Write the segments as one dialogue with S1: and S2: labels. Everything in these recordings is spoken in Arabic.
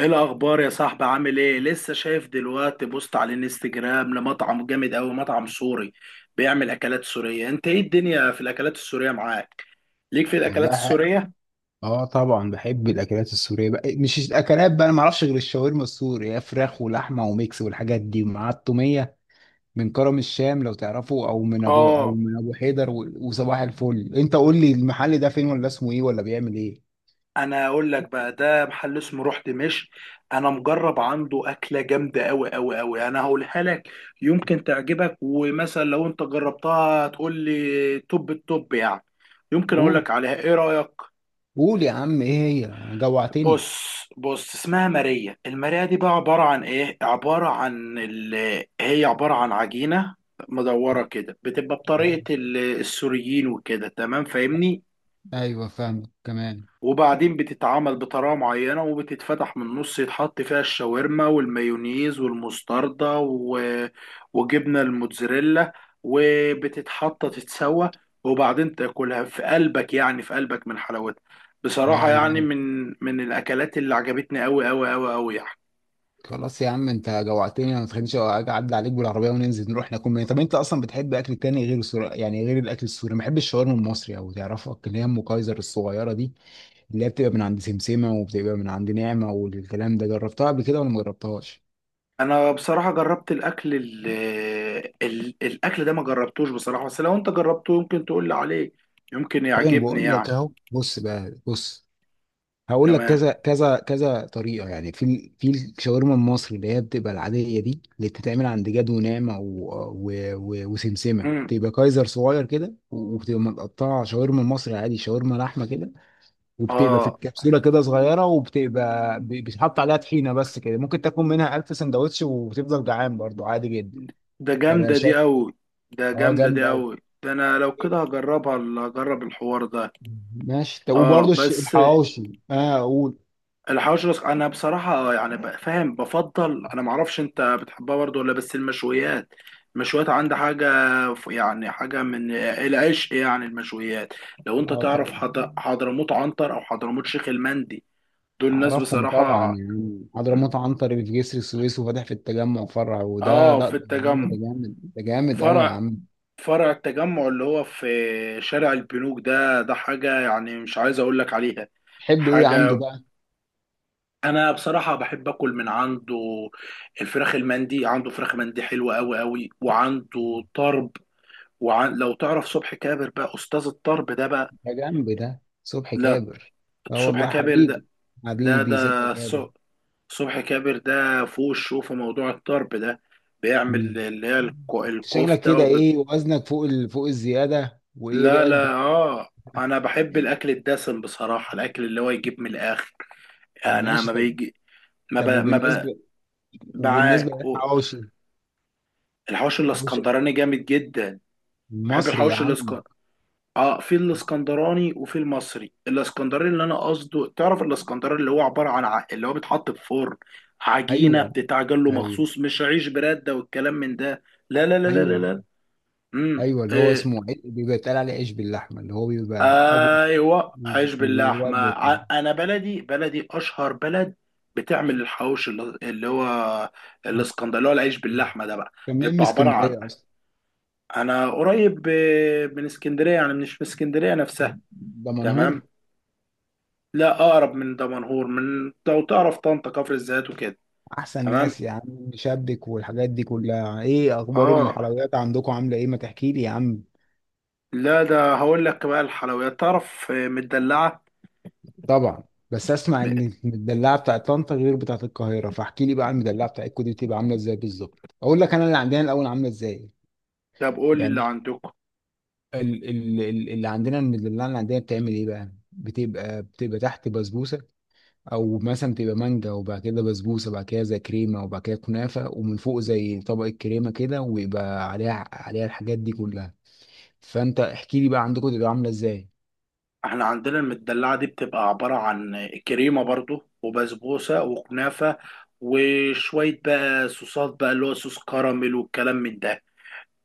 S1: ايه الاخبار يا صاحبي؟ عامل ايه؟ لسه شايف دلوقتي بوست على الانستجرام لمطعم جامد اوي، مطعم سوري بيعمل اكلات سورية. انت ايه الدنيا في الاكلات السورية معاك؟ ليك في الاكلات
S2: والله
S1: السورية؟
S2: اه طبعا بحب الاكلات السوريه بقى، مش الاكلات بقى، انا ما اعرفش غير الشاورما السوري، هي فراخ ولحمه وميكس والحاجات دي مع التوميه، من كرم الشام لو تعرفه، او
S1: اه،
S2: من ابو حيدر وصباح الفل. انت قول لي المحل ده فين، ولا اسمه ايه، ولا بيعمل ايه؟
S1: انا اقول لك بقى، ده محل اسمه روح دمشق. انا مجرب عنده اكلة جامدة اوي اوي اوي، انا هقولها لك. يمكن تعجبك، ومثلا لو انت جربتها تقول لي توب التوب يعني. يمكن اقول
S2: قول،
S1: لك عليها، ايه رأيك؟
S2: قول يا عم ايه؟ هي جوعتني.
S1: بص بص، اسمها ماريا. الماريا دي بقى عبارة عن ايه؟ عبارة عن هي عبارة عن عجينة مدورة كده، بتبقى
S2: آه،
S1: بطريقة السوريين وكده. تمام، فاهمني؟
S2: ايوه فاهمك كمان.
S1: وبعدين بتتعمل بطريقة معينة، وبتتفتح من النص، يتحط فيها الشاورما والمايونيز والمستردة وجبنة الموتزاريلا، وبتتحط تتسوى. وبعدين تاكلها في قلبك، يعني في قلبك من حلاوتها.
S2: لا
S1: بصراحة
S2: دي
S1: يعني
S2: جامد.
S1: من الأكلات اللي عجبتني أوي أوي أوي أوي يعني.
S2: خلاص يا عم انت جوعتني، ما تخلينيش اجي اعدي عليك بالعربيه وننزل نروح ناكل منين؟ طب انت اصلا بتحب اكل تاني غير السوري؟ يعني غير الاكل السوري ما بحبش الشاورما المصري؟ او تعرفك اللي هي ام كايزر الصغيره دي، اللي هي بتبقى من عند سمسمه، وبتبقى من عند نعمه والكلام ده، جربتها قبل كده ولا ما جربتهاش؟
S1: أنا بصراحة جربت الأكل ده ما جربتوش بصراحة، بس لو أنت جربته يمكن تقول لي عليه، يمكن
S2: هي انا
S1: يعجبني
S2: بقول
S1: يعني.
S2: لك اهو، بص بقى بص، هقول لك
S1: تمام.
S2: كذا كذا كذا طريقه. يعني في الشاورما المصري اللي هي بتبقى العاديه دي، اللي بتتعمل عند جاد ونعمه وسمسمه،
S1: مم.
S2: بتبقى كايزر صغير كده، وبتبقى متقطعه، شاورما مصري عادي، شاورما لحمه كده. وبتبقى في
S1: اه،
S2: الكبسوله كده صغيره، وبتبقى بيتحط عليها طحينه بس كده. ممكن تاكل منها 1000 سندوتش وبتفضل جعان، برضو عادي جدا.
S1: ده
S2: فانا
S1: جامدة دي
S2: شايف.
S1: أوي، ده
S2: اه
S1: جامدة
S2: جامد
S1: دي أوي.
S2: قوي.
S1: ده أنا لو كده هجربها، هجرب الحوار ده.
S2: ماشي طب،
S1: اه،
S2: وبرضه
S1: بس
S2: الحواوشي، اه اقول.
S1: الحواوشي رأس. أنا بصراحة، يعني فاهم. بفضل أنا معرفش، أنت بتحبها برضه ولا بس المشويات؟ المشويات عندي حاجة، يعني حاجة من العشق يعني. المشويات لو أنت
S2: اه
S1: تعرف
S2: طبعا.
S1: حضرموت عنتر أو حضرموت شيخ المندي، دول ناس
S2: اعرفهم طبعا،
S1: بصراحة.
S2: يعني حضرموت عنتر في جسر السويس وفاتح في التجمع فرع. وده
S1: اه،
S2: ده
S1: في
S2: ده جامد،
S1: التجمع
S2: ده جامد، ده جامد قوي يا
S1: فرع.
S2: عم.
S1: فرع التجمع اللي هو في شارع البنوك ده، ده حاجة يعني، مش عايز اقول لك عليها.
S2: تحب ايه عنده
S1: حاجة،
S2: بقى؟
S1: انا بصراحة بحب اكل من عنده. الفراخ المندي، عنده فراخ مندي حلوة قوي قوي، وعنده طرب. لو تعرف صبحي كابر بقى، استاذ الطرب ده بقى.
S2: ده جنب ده صبحي
S1: لا،
S2: كابر. اه
S1: صبحي
S2: والله
S1: كابر ده.
S2: حبيبي،
S1: لا، ده
S2: حبيبي صبحي كابر.
S1: الص- صبحي كابر ده فوق الشو في موضوع الطرب ده. بيعمل
S2: مم.
S1: اللي هي
S2: شكلك
S1: الكفتة.
S2: كده، ايه وزنك فوق فوق الزياده، وايه
S1: لا،
S2: رأيك
S1: لا،
S2: بايه؟
S1: اه، انا بحب الاكل الدسم بصراحه، الاكل اللي هو يجيب من الاخر
S2: طب
S1: يعني. انا
S2: ماشي
S1: ما
S2: طب.
S1: بيجي، ما ب...
S2: طب
S1: ما ب...
S2: وبالنسبه
S1: معاك،
S2: وبالنسبه
S1: قول.
S2: للحواوشي،
S1: الحوش
S2: حواوشي
S1: الاسكندراني جامد جدا. بحب
S2: المصري يا
S1: الحوش
S2: عم.
S1: الاسكندراني. اه، في الاسكندراني وفي المصري. الاسكندراني اللي انا قصده، تعرف الاسكندراني اللي هو عباره عن اللي هو بيتحط في فرن، عجينه
S2: ايوه،
S1: بتتعجن له
S2: ايوه،
S1: مخصوص، مش عيش برده والكلام من ده. لا، لا، لا، لا، لا،
S2: ايوه،
S1: لا. امم
S2: ايوه، اللي هو اسمه بيبقى اتقال عليه عيش باللحمه، اللي هو بيبقى ابيض،
S1: ايوه، عيش
S2: وجواه
S1: باللحمه.
S2: أبيض تاني.
S1: انا بلدي بلدي اشهر بلد بتعمل الحواوشي، اللي هو الاسكندريه، اللي هو العيش باللحمه ده بقى.
S2: كان منين من
S1: بيبقى عباره عن،
S2: اسكندريه اصلا؟
S1: انا قريب من اسكندريه يعني، مش من اسكندريه نفسها.
S2: ده منهور.
S1: تمام. لا، اقرب من دمنهور، من لو تعرف طنطا، كفر الزيات وكده.
S2: احسن
S1: تمام،
S2: ناس يا عم، شبك والحاجات دي كلها. ايه اخبار
S1: اه.
S2: الحلويات عندكم، عامله ايه؟ ما تحكي لي يا عم.
S1: لا، ده هقول لك بقى. الحلويات تعرف مدلعه.
S2: طبعا، بس اسمع
S1: م-
S2: ان المدلعه بتاعت طنطا غير بتاعت القاهره، فاحكي لي بقى المدلعه بتاعتكم دي بتبقى عامله ازاي بالظبط. اقول لك انا اللي عندنا الاول عامله ازاي.
S1: طب قول لي اللي
S2: يعني
S1: عندكم.
S2: اللي عندنا، المدلعه اللي عندنا بتعمل ايه بقى؟ بتبقى تحت بسبوسه، او مثلا تبقى مانجا، وبعد كده بسبوسه، وبعد كده زي كريمه، وبعد كده كنافه، ومن فوق زي طبقه كريمه كده، ويبقى عليها الحاجات دي كلها. فانت احكي لي بقى عندكم تبقى عامله ازاي.
S1: احنا عندنا المدلعة دي بتبقى عبارة عن كريمة برضو وبسبوسة وكنافة، وشوية بقى صوصات بقى، اللي هو صوص كراميل والكلام من ده.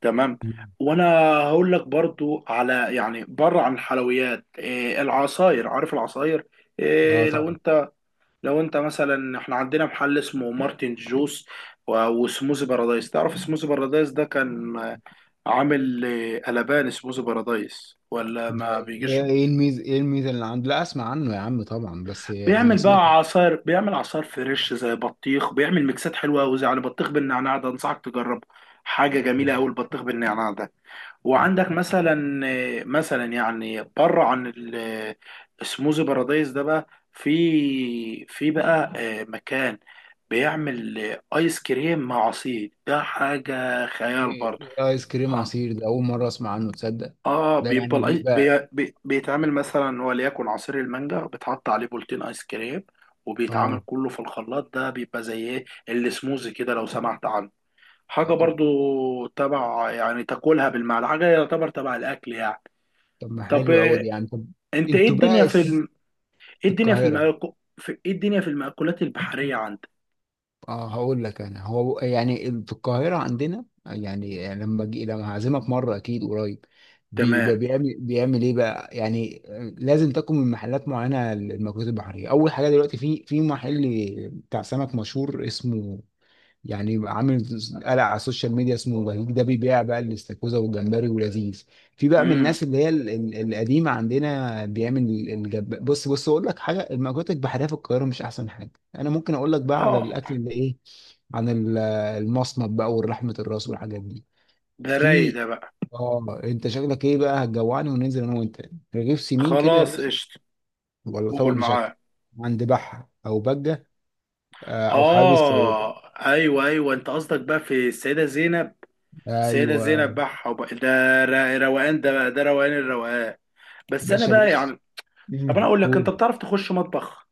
S1: تمام.
S2: مم.
S1: وانا هقول لك برضو على، يعني بره عن الحلويات، إيه العصاير؟ عارف العصاير
S2: اه
S1: إيه؟ لو
S2: طبعا.
S1: انت لو انت مثلا، احنا عندنا محل اسمه مارتن جوس وسموزي بارادايس. تعرف سموزي بارادايس ده؟ كان عامل قلبان. سموزي بارادايس، ولا
S2: ده
S1: ما بيجيش؟
S2: ايه الميزه اللي عنده؟ لا اسمع عنه يا عم طبعا، بس انا
S1: بيعمل
S2: سمعت
S1: بقى
S2: إنه
S1: عصاير، بيعمل عصاير فريش زي بطيخ، بيعمل ميكسات حلوه قوي، زي على بطيخ بالنعناع. ده انصحك تجربه، حاجه جميله
S2: حلو.
S1: قوي البطيخ بالنعناع ده. وعندك مثلا يعني بره عن السموزي بارادايس ده بقى، في في بقى مكان بيعمل ايس كريم مع عصير. ده حاجه خيال
S2: ايه
S1: برضه.
S2: إيه ايس كريم عصير ده اول مره اسمع عنه، تصدق؟
S1: اه،
S2: ده يعني
S1: بيبقى
S2: بيبقى
S1: بيتعمل مثلا، وليكن عصير المانجا بيتحط عليه بولتين ايس كريم، وبيتعمل
S2: اه،
S1: كله في الخلاط. ده بيبقى زي ايه، السموزي كده لو سمعت عنه. حاجة
S2: آه.
S1: برضو تبع، يعني تاكلها بالمعلقة، حاجة يعتبر تبع الأكل يعني.
S2: طب ما
S1: طب
S2: حلو قوي دي يعني. طب
S1: انت ايه
S2: انتوا
S1: الدنيا
S2: بقى
S1: في ايه
S2: في
S1: الدنيا في
S2: القاهره؟
S1: في ايه الدنيا في المأكولات البحرية عندك؟
S2: اه هقول لك انا، هو يعني في القاهره عندنا، يعني لما جي لما هعزمك مره اكيد قريب،
S1: تمام.
S2: بقى بيعمل ايه بقى يعني؟ آه، لازم تاكل من محلات معينه المأكولات البحريه. اول حاجه دلوقتي، في محل بتاع سمك مشهور اسمه، يعني يبقى عامل قلق على السوشيال ميديا اسمه بهيج. ده بيبيع بقى الاستاكوزا والجمبري ولذيذ. في بقى من
S1: امم
S2: الناس اللي هي القديمه عندنا، بيعمل بص بص، اقول لك حاجه. المأكولات البحريه في القاهره مش احسن حاجه. انا ممكن اقول لك بقى على
S1: اه،
S2: الاكل اللي ايه، عن المصمت بقى، والرحمه، الراس، والحاجات دي
S1: ده رايق
S2: في.
S1: ده بقى.
S2: اه انت شكلك ايه بقى، هتجوعني وننزل انا وانت رغيف سمين كده يا
S1: خلاص،
S2: باشا؟
S1: قشطة.
S2: ولا طبق
S1: قول،
S2: مشكل
S1: معاك.
S2: عند بحة او بجة، او حبيب السيدة؟
S1: اه، ايوه، ايوه، انت قصدك بقى في السيده زينب. السيده
S2: ايوه.
S1: زينب بقى، ده روقان ده بقى، ده روقان الروقان. بس انا
S2: باشا
S1: بقى
S2: بص.
S1: يعني، طب انا
S2: مم.
S1: اقول لك، انت
S2: قول.
S1: بتعرف تخش مطبخ؟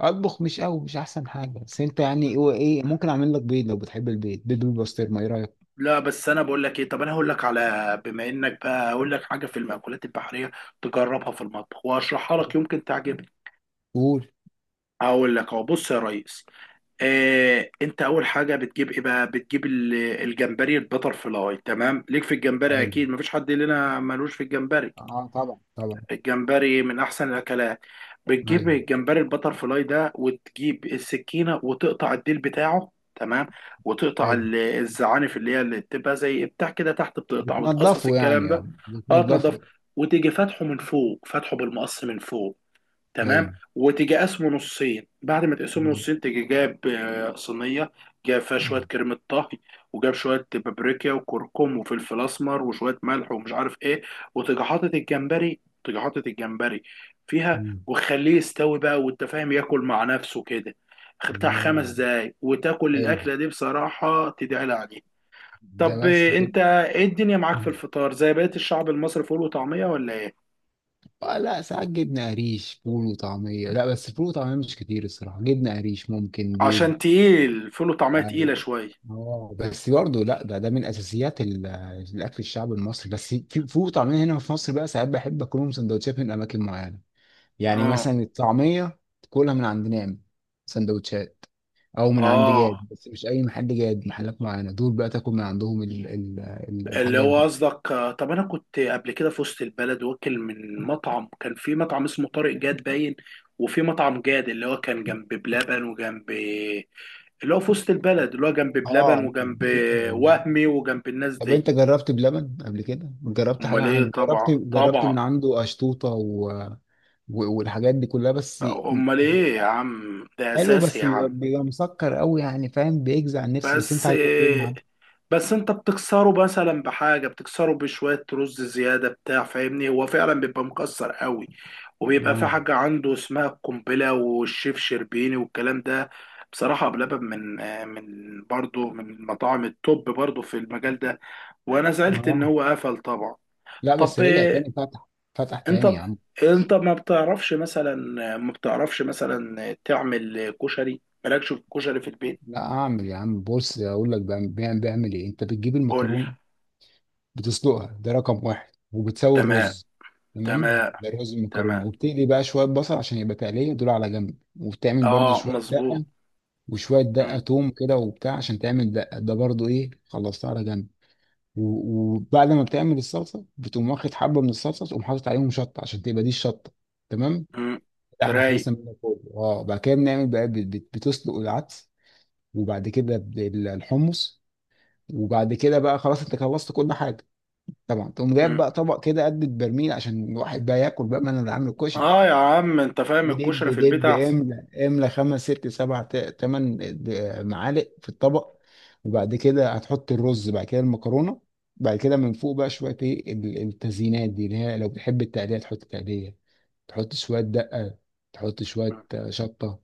S2: اطبخ مش قوي، مش احسن حاجه، بس انت يعني هو ايه ممكن اعمل لك بيض لو بتحب البيض، بيض بالبسطرمه، ايه رايك؟
S1: لا بس انا بقول لك ايه، طب انا هقول لك على، بما انك بقى، اقول لك حاجه في المأكولات البحريه، تجربها في المطبخ واشرحها لك، يمكن تعجبك.
S2: قول.
S1: هقول لك اهو، بص يا ريس. انت اول حاجه بتجيب ايه بقى، بتجيب الجمبري البتر فلاي. تمام، ليك في الجمبري،
S2: حلو.
S1: اكيد مفيش حد لنا ملوش في الجمبري.
S2: اه طبعا، طبعا.
S1: الجمبري من احسن الاكلات. بتجيب
S2: ايوه.
S1: الجمبري البتر فلاي ده، وتجيب السكينه وتقطع الديل بتاعه، تمام. وتقطع
S2: حلو،
S1: الزعانف اللي هي، اللي بتبقى زي بتاع كده تحت، بتقطع وتقصقص
S2: بتنضفه يعني
S1: الكلام ده.
S2: يابا
S1: اه، تنضف.
S2: بتنضفه.
S1: وتيجي فاتحه من فوق، فاتحه بالمقص من فوق، تمام.
S2: ايوه.
S1: وتيجي قسمه نصين، بعد ما تقسمه
S2: مم.
S1: نصين تيجي جاب صينيه، جاب فيها شويه كريمه طهي، وجاب شويه بابريكا وكركم وفلفل اسمر وشويه ملح ومش عارف ايه. وتيجي حاطط الجمبري، تيجي حاطط الجمبري فيها،
S2: مم.
S1: وخليه يستوي بقى، وانت فاهم ياكل مع نفسه كده. بتاع خمس
S2: يا،
S1: دقايق وتاكل
S2: حلو
S1: الاكله دي بصراحه تدعي عليه.
S2: ده
S1: طب
S2: بس كده.
S1: انت ايه الدنيا معاك في
S2: مم.
S1: الفطار، زي بقيه الشعب المصري فول وطعميه، ولا ايه؟
S2: آه لا، ساعات جبنه قريش، فول وطعميه لا بس، فول وطعميه مش كتير الصراحه، جبنه قريش، ممكن بيض.
S1: عشان تقيل، فول وطعميه
S2: آه،
S1: تقيله شويه.
S2: اه بس برضه لا، ده ده من اساسيات الاكل الشعبي المصري. بس في طعمين هنا في مصر بقى، ساعات بحب اكلهم سندوتشات من اماكن معينه. يعني
S1: اه،
S2: مثلا الطعميه تاكلها من عند نعمه سندوتشات، او من عند
S1: اه،
S2: جاد. بس مش اي محل جاد، محلات معينه دول بقى تاكل من عندهم ال ال ال
S1: اللي
S2: الحاجات
S1: هو
S2: دي.
S1: قصدك، طب انا كنت قبل كده في وسط البلد، واكل من مطعم، كان في مطعم اسمه طارق جاد باين، وفي مطعم جاد اللي هو كان جنب بلبن وجنب، اللي هو في وسط البلد، اللي هو جنب بلبن
S2: اه.
S1: وجنب
S2: في.
S1: وهمي وجنب الناس
S2: طب انت
S1: دي.
S2: جربت بلبن قبل كده، جربت
S1: امال
S2: حاجه؟
S1: ايه،
S2: انا
S1: طبعا،
S2: جربت،
S1: طبعا.
S2: من عنده اشطوطه والحاجات دي كلها بس.
S1: امال ايه يا عم، ده
S2: حلو،
S1: اساسي
S2: بس
S1: يا
S2: بيبقى
S1: عم.
S2: بيبقى مسكر قوي، يعني فاهم، بيجزع النفس. بس انت
S1: بس
S2: عاجبك ايه من عنده؟
S1: بس، انت بتكسره مثلا بحاجه، بتكسره بشويه رز زياده بتاع. فاهمني؟ هو فعلا بيبقى مكسر قوي، وبيبقى في
S2: اه.
S1: حاجه عنده اسمها القنبله والشيف شربيني والكلام ده. بصراحه بلبن، من برضه من مطاعم التوب برضه في المجال ده. وانا زعلت ان
S2: اه.
S1: هو قفل طبعا.
S2: لا
S1: طب
S2: بس رجع تاني فتح، فتح تاني
S1: انت
S2: يا عم.
S1: انت ما بتعرفش مثلا، ما بتعرفش مثلا تعمل كشري؟ مالكش في الكشري في البيت؟
S2: لا، اعمل يا عم، بص اقول لك. بعمل، بعمل ايه؟ انت بتجيب
S1: قول.
S2: المكرونه، بتسلقها، ده رقم واحد، وبتسوي
S1: تمام.
S2: الرز، تمام،
S1: تمام.
S2: ده رز المكرونه.
S1: تمام.
S2: وبتقلي بقى شويه بصل عشان يبقى تقليه دول على جنب، وبتعمل برضو
S1: اه،
S2: شويه
S1: مظبوط.
S2: دقه، وشويه دقه
S1: مم.
S2: توم كده وبتاع، عشان تعمل دقه ده برضو، ايه، خلصتها على جنب. وبعد ما بتعمل الصلصه، بتقوم واخد حبه من الصلصه، تقوم حاطط عليهم شطه عشان تبقى دي الشطه. تمام.
S1: مم.
S2: ده احنا
S1: رايق.
S2: خلصنا منه كله. اه بعد كده بنعمل بقى، بتسلق العدس، وبعد كده الحمص. وبعد كده بقى خلاص انت خلصت كل حاجه. طبعا تقوم جايب
S1: مم.
S2: بقى طبق كده قد البرميل، عشان الواحد بقى ياكل. بقى ما انا اللي عامل الكشري.
S1: اه يا عم، انت فاهم،
S2: ودب
S1: الكشري في البيت
S2: دب،
S1: احسن.
S2: املى املى، خمس ست سبع تمن معالق في الطبق. وبعد كده هتحط الرز، بعد كده المكرونه، بعد كده من فوق بقى شويه ايه التزيينات دي، اللي هي لو بتحب التقليه تحط تقليه، تحط شويه دقه، تحط شويه
S1: مم.
S2: شطه،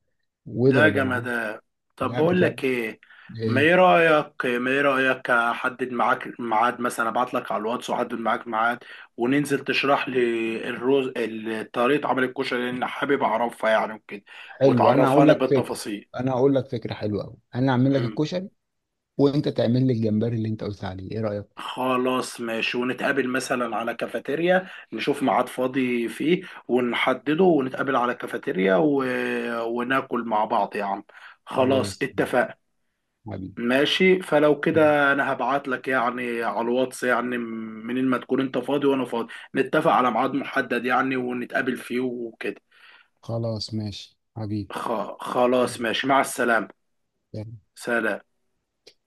S1: لا،
S2: واضرب يا معلم.
S1: جمدان. طب
S2: لا
S1: بقول لك
S2: بجد.
S1: ايه، ما ايه
S2: إيه.
S1: رايك ما ايه رايك احدد معاك ميعاد، مثلا ابعت لك على الواتس واحدد معاك ميعاد، وننزل تشرح لي طريقه عمل الكشري، لان حابب اعرفها يعني وكده،
S2: حلو انا هقول
S1: وتعرفاني
S2: لك فكره،
S1: بالتفاصيل.
S2: انا هقول لك فكره حلوه قوي، انا هعمل لك الكشري وانت تعمل لي الجمبري اللي انت قلت عليه، ايه رايك؟
S1: خلاص، ماشي. ونتقابل مثلا على كافيتيريا، نشوف ميعاد فاضي فيه ونحدده، ونتقابل على كافيتيريا وناكل مع بعض يا عم. خلاص
S2: خلاص
S1: اتفقنا.
S2: حبيبي.
S1: ماشي، فلو كده انا هبعت لك يعني على الواتس، يعني منين ما تكون انت فاضي وانا فاضي، نتفق على ميعاد محدد يعني، ونتقابل فيه وكده.
S2: خلاص ماشي حبيبي.
S1: خ... خلاص
S2: ترجمة نانسي
S1: ماشي، مع السلامة.
S2: قنقر.
S1: سلام.